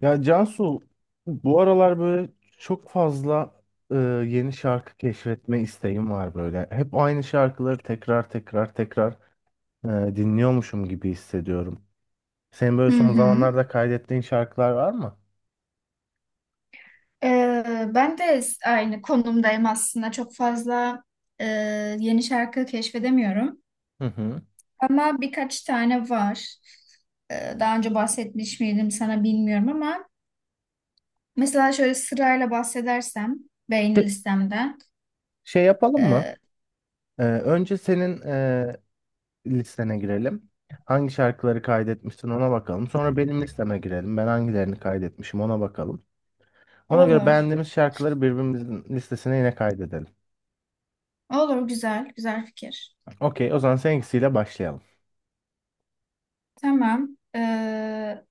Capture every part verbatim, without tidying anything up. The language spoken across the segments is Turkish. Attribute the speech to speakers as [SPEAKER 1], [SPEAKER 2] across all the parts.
[SPEAKER 1] Ya Cansu, bu aralar böyle çok fazla e, yeni şarkı keşfetme isteğim var böyle. Hep aynı şarkıları tekrar tekrar tekrar e, dinliyormuşum gibi hissediyorum. Senin böyle
[SPEAKER 2] Hı
[SPEAKER 1] son
[SPEAKER 2] hı.
[SPEAKER 1] zamanlarda kaydettiğin şarkılar var mı?
[SPEAKER 2] Ee, ben de s- aynı konumdayım aslında. Çok fazla e, yeni şarkı keşfedemiyorum.
[SPEAKER 1] Hı hı.
[SPEAKER 2] Ama birkaç tane var. Ee, daha önce bahsetmiş miydim sana bilmiyorum ama mesela şöyle sırayla bahsedersem beğeni
[SPEAKER 1] Şey,
[SPEAKER 2] listemden
[SPEAKER 1] şey yapalım mı?
[SPEAKER 2] e,
[SPEAKER 1] E, önce senin e, listene girelim. Hangi şarkıları kaydetmişsin, ona bakalım. Sonra benim listeme girelim. Ben hangilerini kaydetmişim, ona bakalım. Ona göre
[SPEAKER 2] olur.
[SPEAKER 1] beğendiğimiz şarkıları birbirimizin listesine yine kaydedelim.
[SPEAKER 2] Olur, güzel güzel fikir.
[SPEAKER 1] Okey, o zaman seninkisiyle başlayalım.
[SPEAKER 2] Tamam. Ee,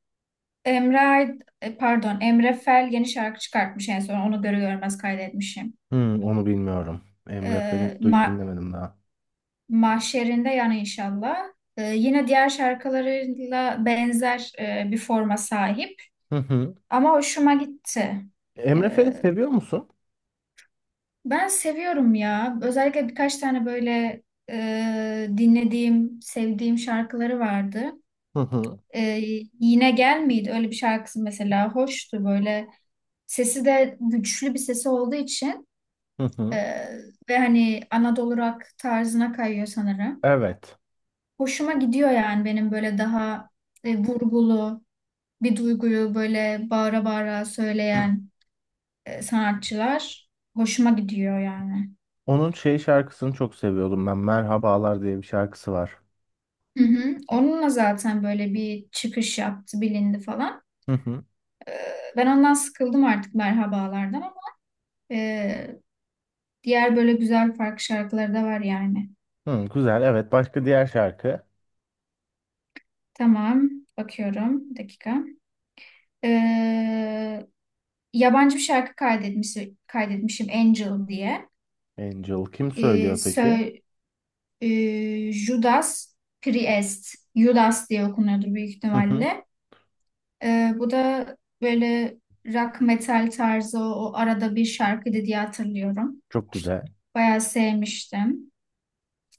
[SPEAKER 2] Emre Ay- e, pardon, Emre Fel yeni şarkı çıkartmış, en son onu görü görmez kaydetmişim.
[SPEAKER 1] Hmm, onu bilmiyorum. Emre
[SPEAKER 2] Ee,
[SPEAKER 1] Fel'i duy
[SPEAKER 2] Ma-
[SPEAKER 1] dinlemedim daha.
[SPEAKER 2] Mahşerinde yani inşallah. Ee, yine diğer şarkılarıyla benzer e, bir forma sahip
[SPEAKER 1] Hı hı.
[SPEAKER 2] ama hoşuma gitti.
[SPEAKER 1] Emre Fel'i
[SPEAKER 2] Ee,
[SPEAKER 1] seviyor musun?
[SPEAKER 2] Ben seviyorum ya. Özellikle birkaç tane böyle e, dinlediğim, sevdiğim şarkıları vardı.
[SPEAKER 1] Hı hı.
[SPEAKER 2] Ee, Yine Gel miydi? Öyle bir şarkısı mesela hoştu böyle. Sesi de güçlü bir sesi olduğu için
[SPEAKER 1] Hı
[SPEAKER 2] e,
[SPEAKER 1] hı.
[SPEAKER 2] ve hani Anadolu rock tarzına kayıyor sanırım.
[SPEAKER 1] Evet.
[SPEAKER 2] Hoşuma gidiyor yani, benim böyle daha e, vurgulu bir duyguyu böyle bağıra bağıra söyleyen e, sanatçılar hoşuma gidiyor yani.
[SPEAKER 1] Onun şey şarkısını çok seviyordum ben. Merhabalar diye bir şarkısı var.
[SPEAKER 2] Hı hı. Onunla zaten böyle bir çıkış yaptı, bilindi falan.
[SPEAKER 1] Hı hı.
[SPEAKER 2] Ben ondan sıkıldım artık merhabalardan ama e, diğer böyle güzel farklı şarkıları da var yani.
[SPEAKER 1] Hı, güzel. Evet. Başka diğer şarkı.
[SPEAKER 2] Tamam, bakıyorum. Bir dakika. E, Yabancı bir şarkı kaydetmiş, kaydetmişim, Angel diye.
[SPEAKER 1] Angel kim
[SPEAKER 2] Ee,
[SPEAKER 1] söylüyor peki?
[SPEAKER 2] sö- e, Judas Priest, Judas diye okunuyordur büyük
[SPEAKER 1] Hı hı.
[SPEAKER 2] ihtimalle. E, bu da böyle rock metal tarzı, o, o arada bir şarkıydı diye hatırlıyorum.
[SPEAKER 1] Çok güzel.
[SPEAKER 2] Bayağı sevmiştim.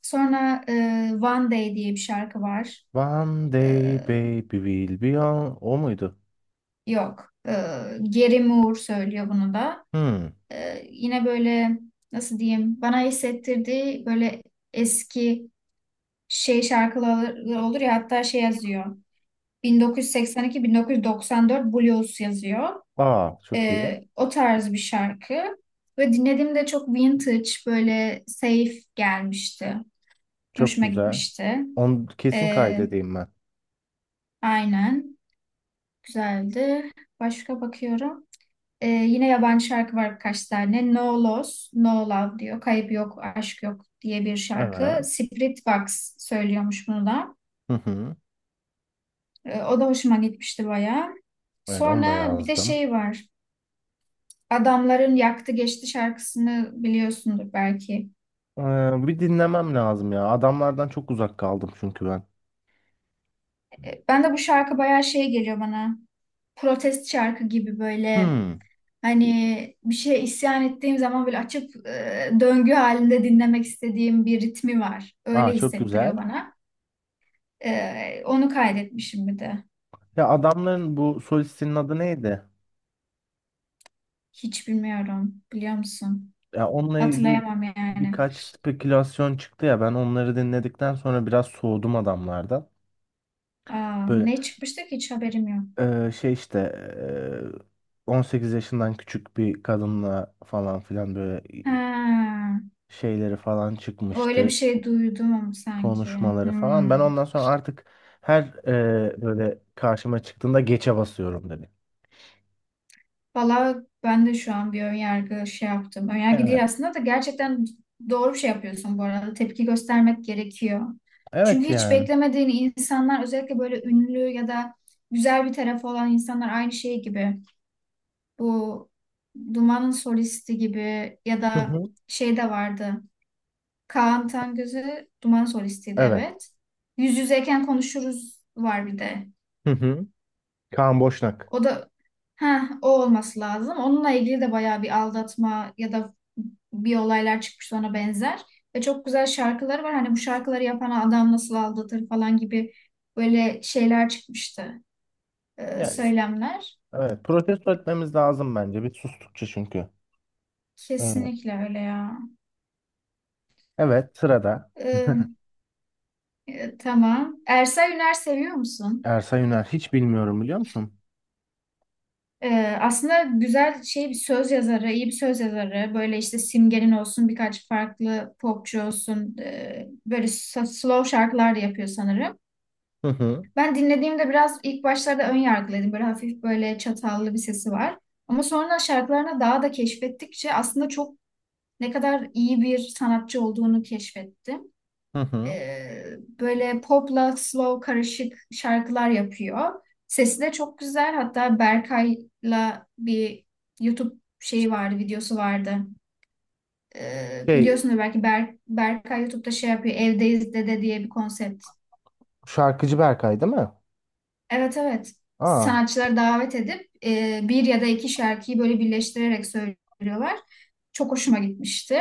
[SPEAKER 2] Sonra e, One Day diye bir şarkı var.
[SPEAKER 1] One
[SPEAKER 2] E,
[SPEAKER 1] day baby will be on. O muydu?
[SPEAKER 2] Yok. E, Gary Moore söylüyor bunu da.
[SPEAKER 1] Hı.
[SPEAKER 2] E, yine böyle, nasıl diyeyim, bana hissettirdiği böyle eski şey şarkıları olur ya, hatta şey
[SPEAKER 1] Yok.
[SPEAKER 2] yazıyor. bin dokuz yüz seksen iki-bin dokuz yüz doksan dört Blues yazıyor.
[SPEAKER 1] Aa, çok iyi.
[SPEAKER 2] Ee, o tarz bir şarkı. Ve dinlediğimde çok vintage, böyle safe gelmişti.
[SPEAKER 1] Çok
[SPEAKER 2] Hoşuma
[SPEAKER 1] güzel.
[SPEAKER 2] gitmişti.
[SPEAKER 1] Onu kesin
[SPEAKER 2] Ee,
[SPEAKER 1] kaydedeyim ben.
[SPEAKER 2] aynen. Güzeldi. Başka bakıyorum. Ee, yine yabancı şarkı var birkaç tane. No Loss, No Love diyor. Kayıp yok, aşk yok diye bir şarkı.
[SPEAKER 1] Evet.
[SPEAKER 2] Spiritbox söylüyormuş bunu da.
[SPEAKER 1] Hı hı.
[SPEAKER 2] Ee, o da hoşuma gitmişti bayağı.
[SPEAKER 1] Evet, onu da
[SPEAKER 2] Sonra bir de
[SPEAKER 1] yazdım.
[SPEAKER 2] şey var. Adamların Yaktı Geçti şarkısını biliyorsundur belki.
[SPEAKER 1] Ee, bir dinlemem lazım ya. Adamlardan çok uzak kaldım çünkü ben.
[SPEAKER 2] E, Ben de bu şarkı bayağı şey geliyor bana. Protest şarkı gibi böyle,
[SPEAKER 1] Hmm.
[SPEAKER 2] hani bir şeye isyan ettiğim zaman böyle açıp e, döngü halinde dinlemek istediğim bir ritmi var.
[SPEAKER 1] Aa,
[SPEAKER 2] Öyle
[SPEAKER 1] çok
[SPEAKER 2] hissettiriyor
[SPEAKER 1] güzel.
[SPEAKER 2] bana. E, onu kaydetmişim bir de.
[SPEAKER 1] Ya adamların bu solistinin adı neydi?
[SPEAKER 2] Hiç bilmiyorum. Biliyor musun?
[SPEAKER 1] Ya onunla ilgili
[SPEAKER 2] Hatırlayamam yani.
[SPEAKER 1] birkaç spekülasyon çıktı ya. Ben onları dinledikten sonra biraz soğudum adamlardan.
[SPEAKER 2] Aa,
[SPEAKER 1] Böyle
[SPEAKER 2] ne çıkmıştı ki, hiç haberim yok.
[SPEAKER 1] e, şey işte e, on sekiz yaşından küçük bir kadınla falan filan böyle e,
[SPEAKER 2] Ha,
[SPEAKER 1] şeyleri falan
[SPEAKER 2] öyle bir
[SPEAKER 1] çıkmıştı.
[SPEAKER 2] şey duydum ama sanki.
[SPEAKER 1] Konuşmaları falan. Ben
[SPEAKER 2] Hmm.
[SPEAKER 1] ondan sonra artık her e, böyle karşıma çıktığında geçe basıyorum dedi.
[SPEAKER 2] Valla ben de şu an bir önyargı şey yaptım. Önyargı
[SPEAKER 1] Evet.
[SPEAKER 2] değil aslında da, gerçekten doğru bir şey yapıyorsun bu arada. Tepki göstermek gerekiyor. Çünkü
[SPEAKER 1] Evet
[SPEAKER 2] hiç
[SPEAKER 1] yani.
[SPEAKER 2] beklemediğin insanlar, özellikle böyle ünlü ya da güzel bir tarafı olan insanlar aynı şey gibi. Bu Duman'ın solisti gibi ya
[SPEAKER 1] Hı
[SPEAKER 2] da
[SPEAKER 1] hı.
[SPEAKER 2] şey de vardı. Kaan Tangöz'ü, Duman solistiydi,
[SPEAKER 1] Evet.
[SPEAKER 2] evet. Yüz yüzeyken konuşuruz var bir de.
[SPEAKER 1] Hı hı. Kaan Boşnak.
[SPEAKER 2] O da, ha, o olması lazım. Onunla ilgili de bayağı bir aldatma ya da bir olaylar çıkmış, ona benzer. Ve çok güzel şarkıları var. Hani bu şarkıları yapan adam nasıl aldatır falan gibi böyle şeyler çıkmıştı. Ee,
[SPEAKER 1] Yani,
[SPEAKER 2] söylemler.
[SPEAKER 1] evet. Protesto etmemiz lazım bence. Bir sustukça çünkü. Evet.
[SPEAKER 2] Kesinlikle öyle ya.
[SPEAKER 1] Evet. Sırada
[SPEAKER 2] Ee, e, tamam. Ersel Üner seviyor musun?
[SPEAKER 1] Ersa Yüner. Hiç bilmiyorum, biliyor musun?
[SPEAKER 2] Ee, aslında güzel şey bir söz yazarı, iyi bir söz yazarı. Böyle işte Simge'nin olsun, birkaç farklı popçu olsun. E, böyle s- slow şarkılar da yapıyor sanırım.
[SPEAKER 1] Hı hı.
[SPEAKER 2] Ben dinlediğimde biraz ilk başlarda ön yargılıydım. Böyle hafif, böyle çatallı bir sesi var. Ama sonra şarkılarına daha da keşfettikçe aslında çok ne kadar iyi bir sanatçı olduğunu keşfettim.
[SPEAKER 1] Hı hı.
[SPEAKER 2] Ee, Böyle popla slow karışık şarkılar yapıyor. Sesi de çok güzel. Hatta Berkay'la bir YouTube şeyi vardı, videosu vardı. Ee,
[SPEAKER 1] Şey,
[SPEAKER 2] biliyorsunuz belki, Ber Berkay YouTube'da şey yapıyor. Evdeyiz Dede diye bir konsept.
[SPEAKER 1] şarkıcı Berkay değil mi?
[SPEAKER 2] Evet, evet.
[SPEAKER 1] Aa.
[SPEAKER 2] Sanatçıları davet edip e, bir ya da iki şarkıyı böyle birleştirerek söylüyorlar. Çok hoşuma gitmişti.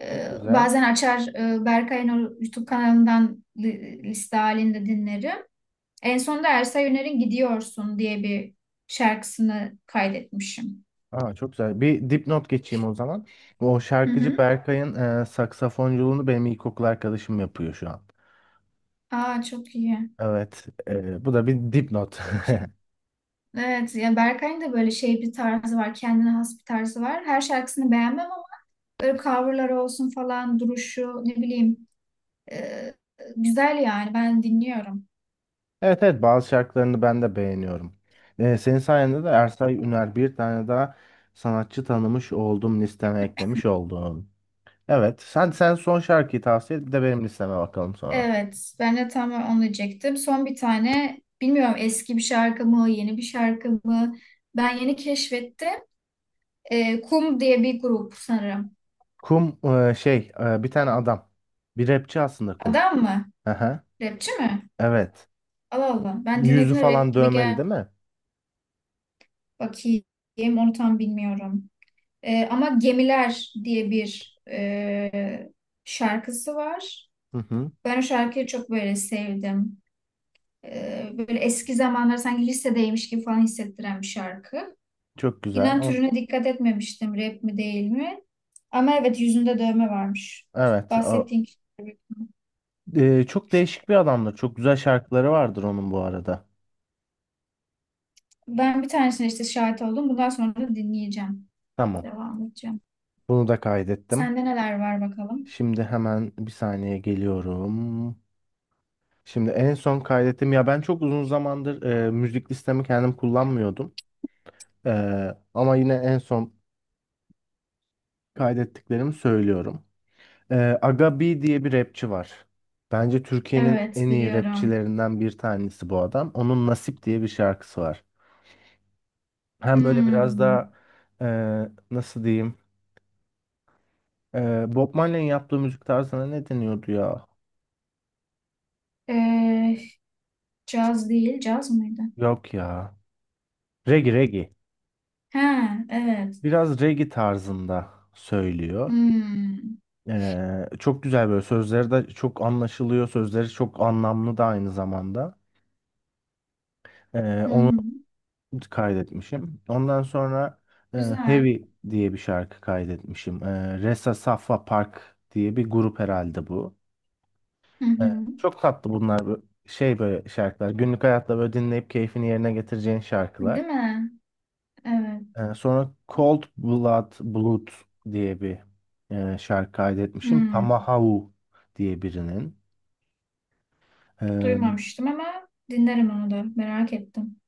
[SPEAKER 2] Ee,
[SPEAKER 1] Çok güzel.
[SPEAKER 2] bazen açar, e, Berkay'ın o YouTube kanalından li- liste halinde dinlerim. En son da Ersa Yener'in Gidiyorsun diye bir şarkısını kaydetmişim.
[SPEAKER 1] Aa, çok güzel. Bir dipnot geçeyim o zaman. O
[SPEAKER 2] Hı
[SPEAKER 1] şarkıcı
[SPEAKER 2] hı.
[SPEAKER 1] Berkay'ın e, saksafonculuğunu benim ilkokul arkadaşım yapıyor şu an.
[SPEAKER 2] Aa, çok iyi.
[SPEAKER 1] Evet, e, bu da bir dipnot.
[SPEAKER 2] Evet ya, Berkay'ın da böyle şey bir tarzı var. Kendine has bir tarzı var. Her şarkısını beğenmem ama böyle coverları olsun falan, duruşu, ne bileyim, e, güzel yani, ben dinliyorum.
[SPEAKER 1] Evet, evet, bazı şarkılarını ben de beğeniyorum. E, senin sayende de Ersay Üner, bir tane daha sanatçı tanımış oldum, listeme eklemiş oldum. Evet, sen sen son şarkıyı tavsiye et, bir de benim listeme bakalım sonra.
[SPEAKER 2] Evet, ben de tam onu diyecektim. Son bir tane, bilmiyorum eski bir şarkı mı yeni bir şarkı mı, ben yeni keşfettim. E, Kum diye bir grup sanırım.
[SPEAKER 1] Kum, e, şey e, bir tane adam. Bir rapçi aslında Kum.
[SPEAKER 2] Adam mı?
[SPEAKER 1] Aha,
[SPEAKER 2] Rapçi mi?
[SPEAKER 1] evet.
[SPEAKER 2] Allah Allah. Ben
[SPEAKER 1] Yüzü
[SPEAKER 2] dinlediğimde rap
[SPEAKER 1] falan
[SPEAKER 2] gibi
[SPEAKER 1] dövmeli
[SPEAKER 2] gel
[SPEAKER 1] değil mi?
[SPEAKER 2] bakayım. Onu tam bilmiyorum. Ee, ama Gemiler diye bir e, şarkısı var.
[SPEAKER 1] Hı hı.
[SPEAKER 2] Ben o şarkıyı çok böyle sevdim. Ee, böyle eski zamanlar, sanki lisedeymiş gibi falan hissettiren bir şarkı.
[SPEAKER 1] Çok güzel.
[SPEAKER 2] İnan
[SPEAKER 1] Ama-
[SPEAKER 2] türüne dikkat etmemiştim, rap mi değil mi? Ama evet, yüzünde dövme varmış.
[SPEAKER 1] Evet. a-
[SPEAKER 2] Bahsettiğin kişi.
[SPEAKER 1] e, çok değişik bir adamdır. Çok güzel şarkıları vardır onun bu arada.
[SPEAKER 2] Ben bir tanesine işte şahit oldum. Bundan sonra da dinleyeceğim.
[SPEAKER 1] Tamam.
[SPEAKER 2] Devam edeceğim.
[SPEAKER 1] Bunu da kaydettim.
[SPEAKER 2] Sende neler var bakalım?
[SPEAKER 1] Şimdi hemen bir saniye geliyorum. Şimdi en son kaydettim. Ya, ben çok uzun zamandır e, müzik listemi kendim kullanmıyordum. E, Ama yine en son kaydettiklerimi söylüyorum. E, Aga B diye bir rapçi var. Bence Türkiye'nin en
[SPEAKER 2] Evet,
[SPEAKER 1] iyi
[SPEAKER 2] biliyorum.
[SPEAKER 1] rapçilerinden bir tanesi bu adam. Onun Nasip diye bir şarkısı var. Hem böyle biraz
[SPEAKER 2] Hmm.
[SPEAKER 1] daha, eee, nasıl diyeyim? Eee Bob Marley'in yaptığı müzik tarzına ne deniyordu ya?
[SPEAKER 2] Ee, Caz değil, caz mıydı?
[SPEAKER 1] Yok ya. Reggae reggae.
[SPEAKER 2] Ha, evet.
[SPEAKER 1] Biraz reggae tarzında söylüyor.
[SPEAKER 2] Hmm.
[SPEAKER 1] Eee, çok güzel, böyle sözleri de çok anlaşılıyor. Sözleri çok anlamlı da aynı zamanda. Eee,
[SPEAKER 2] Hı
[SPEAKER 1] onu
[SPEAKER 2] hı.
[SPEAKER 1] kaydetmişim. Ondan sonra eee,
[SPEAKER 2] Güzel.
[SPEAKER 1] Heavy diye bir şarkı kaydetmişim. Eee, Resa Safa Park diye bir grup herhalde bu.
[SPEAKER 2] Hı
[SPEAKER 1] Ee,
[SPEAKER 2] hı.
[SPEAKER 1] Çok tatlı bunlar, bu- şey böyle şarkılar. Günlük hayatta böyle dinleyip keyfini yerine getireceğin şarkılar.
[SPEAKER 2] Değil mi? Evet.
[SPEAKER 1] Ee, Sonra Cold Blood Blood diye bir e, şarkı kaydetmişim.
[SPEAKER 2] Hmm.
[SPEAKER 1] Tamahahu diye birinin. Ee,
[SPEAKER 2] Duymamıştım ama dinlerim onu da. Merak ettim.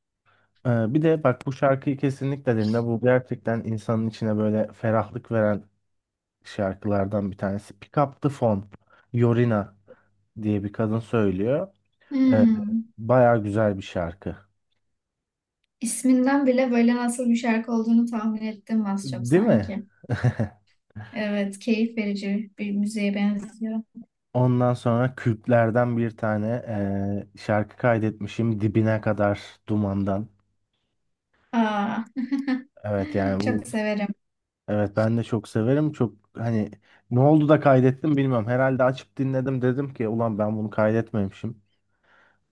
[SPEAKER 1] e, Bir de bak, bu şarkıyı kesinlikle dinle. Bu gerçekten insanın içine böyle ferahlık veren şarkılardan bir tanesi. Pick Up The Phone, Yorina diye bir kadın söylüyor. Ee,
[SPEAKER 2] Hmm.
[SPEAKER 1] Bayağı güzel bir şarkı.
[SPEAKER 2] İsminden bile böyle nasıl bir şarkı olduğunu tahmin ettim az çok
[SPEAKER 1] Değil mi?
[SPEAKER 2] sanki. Evet, keyif verici bir müziğe benziyor.
[SPEAKER 1] Ondan sonra Kürtlerden bir tane eee, şarkı kaydetmişim, Dibine Kadar Duman'dan.
[SPEAKER 2] Aa,
[SPEAKER 1] Evet yani bu,
[SPEAKER 2] çok severim.
[SPEAKER 1] evet, ben de çok severim. Çok hani ne oldu da kaydettim bilmiyorum. Herhalde açıp dinledim dedim ki ulan ben bunu kaydetmemişim.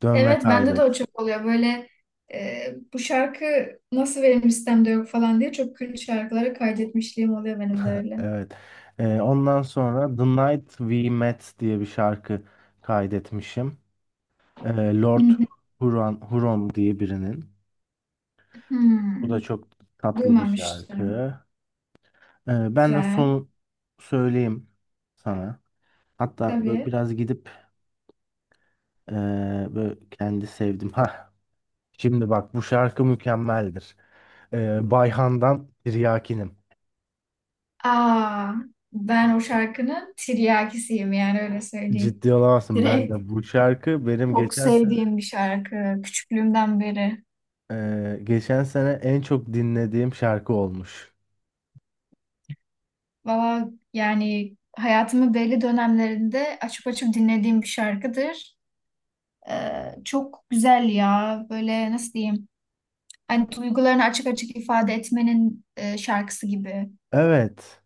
[SPEAKER 1] Dön ve
[SPEAKER 2] Evet, bende de o
[SPEAKER 1] kaydet.
[SPEAKER 2] çok oluyor. Böyle e, bu şarkı nasıl benim listemde yok falan diye çok kült şarkıları kaydetmişliğim oluyor benim de öyle.
[SPEAKER 1] Evet. Eee, ondan sonra The Night We Met diye bir şarkı kaydetmişim. Eee,
[SPEAKER 2] Hı
[SPEAKER 1] Lord
[SPEAKER 2] hı.
[SPEAKER 1] Huron, Huron diye birinin. Bu da
[SPEAKER 2] Hmm,
[SPEAKER 1] çok tatlı bir
[SPEAKER 2] Duymamıştım.
[SPEAKER 1] şarkı. Ee, ben de
[SPEAKER 2] Güzel.
[SPEAKER 1] son söyleyeyim sana. Hatta böyle
[SPEAKER 2] Tabii.
[SPEAKER 1] biraz gidip ee, böyle kendi sevdim. Ha, şimdi bak, bu şarkı mükemmeldir. Ee, Bayhan'dan Tiryakinim.
[SPEAKER 2] Aa, ben o şarkının tiryakisiyim yani, öyle söyleyeyim.
[SPEAKER 1] Ciddi olamazsın, ben
[SPEAKER 2] Direkt
[SPEAKER 1] de bu şarkı benim
[SPEAKER 2] çok
[SPEAKER 1] geçen sene,
[SPEAKER 2] sevdiğim bir şarkı. Küçüklüğümden beri.
[SPEAKER 1] ee, geçen sene en çok dinlediğim şarkı olmuş.
[SPEAKER 2] Valla yani hayatımın belli dönemlerinde açıp açıp dinlediğim bir şarkıdır. Ee, çok güzel ya. Böyle nasıl diyeyim? Hani duygularını açık açık ifade etmenin e, şarkısı gibi.
[SPEAKER 1] Evet.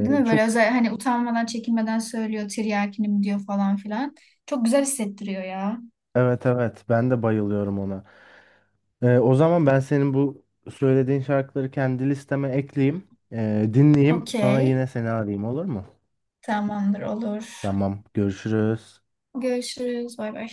[SPEAKER 2] Değil mi?
[SPEAKER 1] çok
[SPEAKER 2] Böyle özel, hani utanmadan çekinmeden söylüyor, tiryakinim diyor falan filan. Çok güzel hissettiriyor ya.
[SPEAKER 1] Evet, evet, ben de bayılıyorum ona. Ee, o zaman ben senin bu söylediğin şarkıları kendi listeme ekleyeyim. Ee, dinleyeyim. Sonra
[SPEAKER 2] Okey.
[SPEAKER 1] yine seni arayayım olur mu?
[SPEAKER 2] Tamamdır, olur.
[SPEAKER 1] Tamam, görüşürüz.
[SPEAKER 2] Görüşürüz. Bay bay.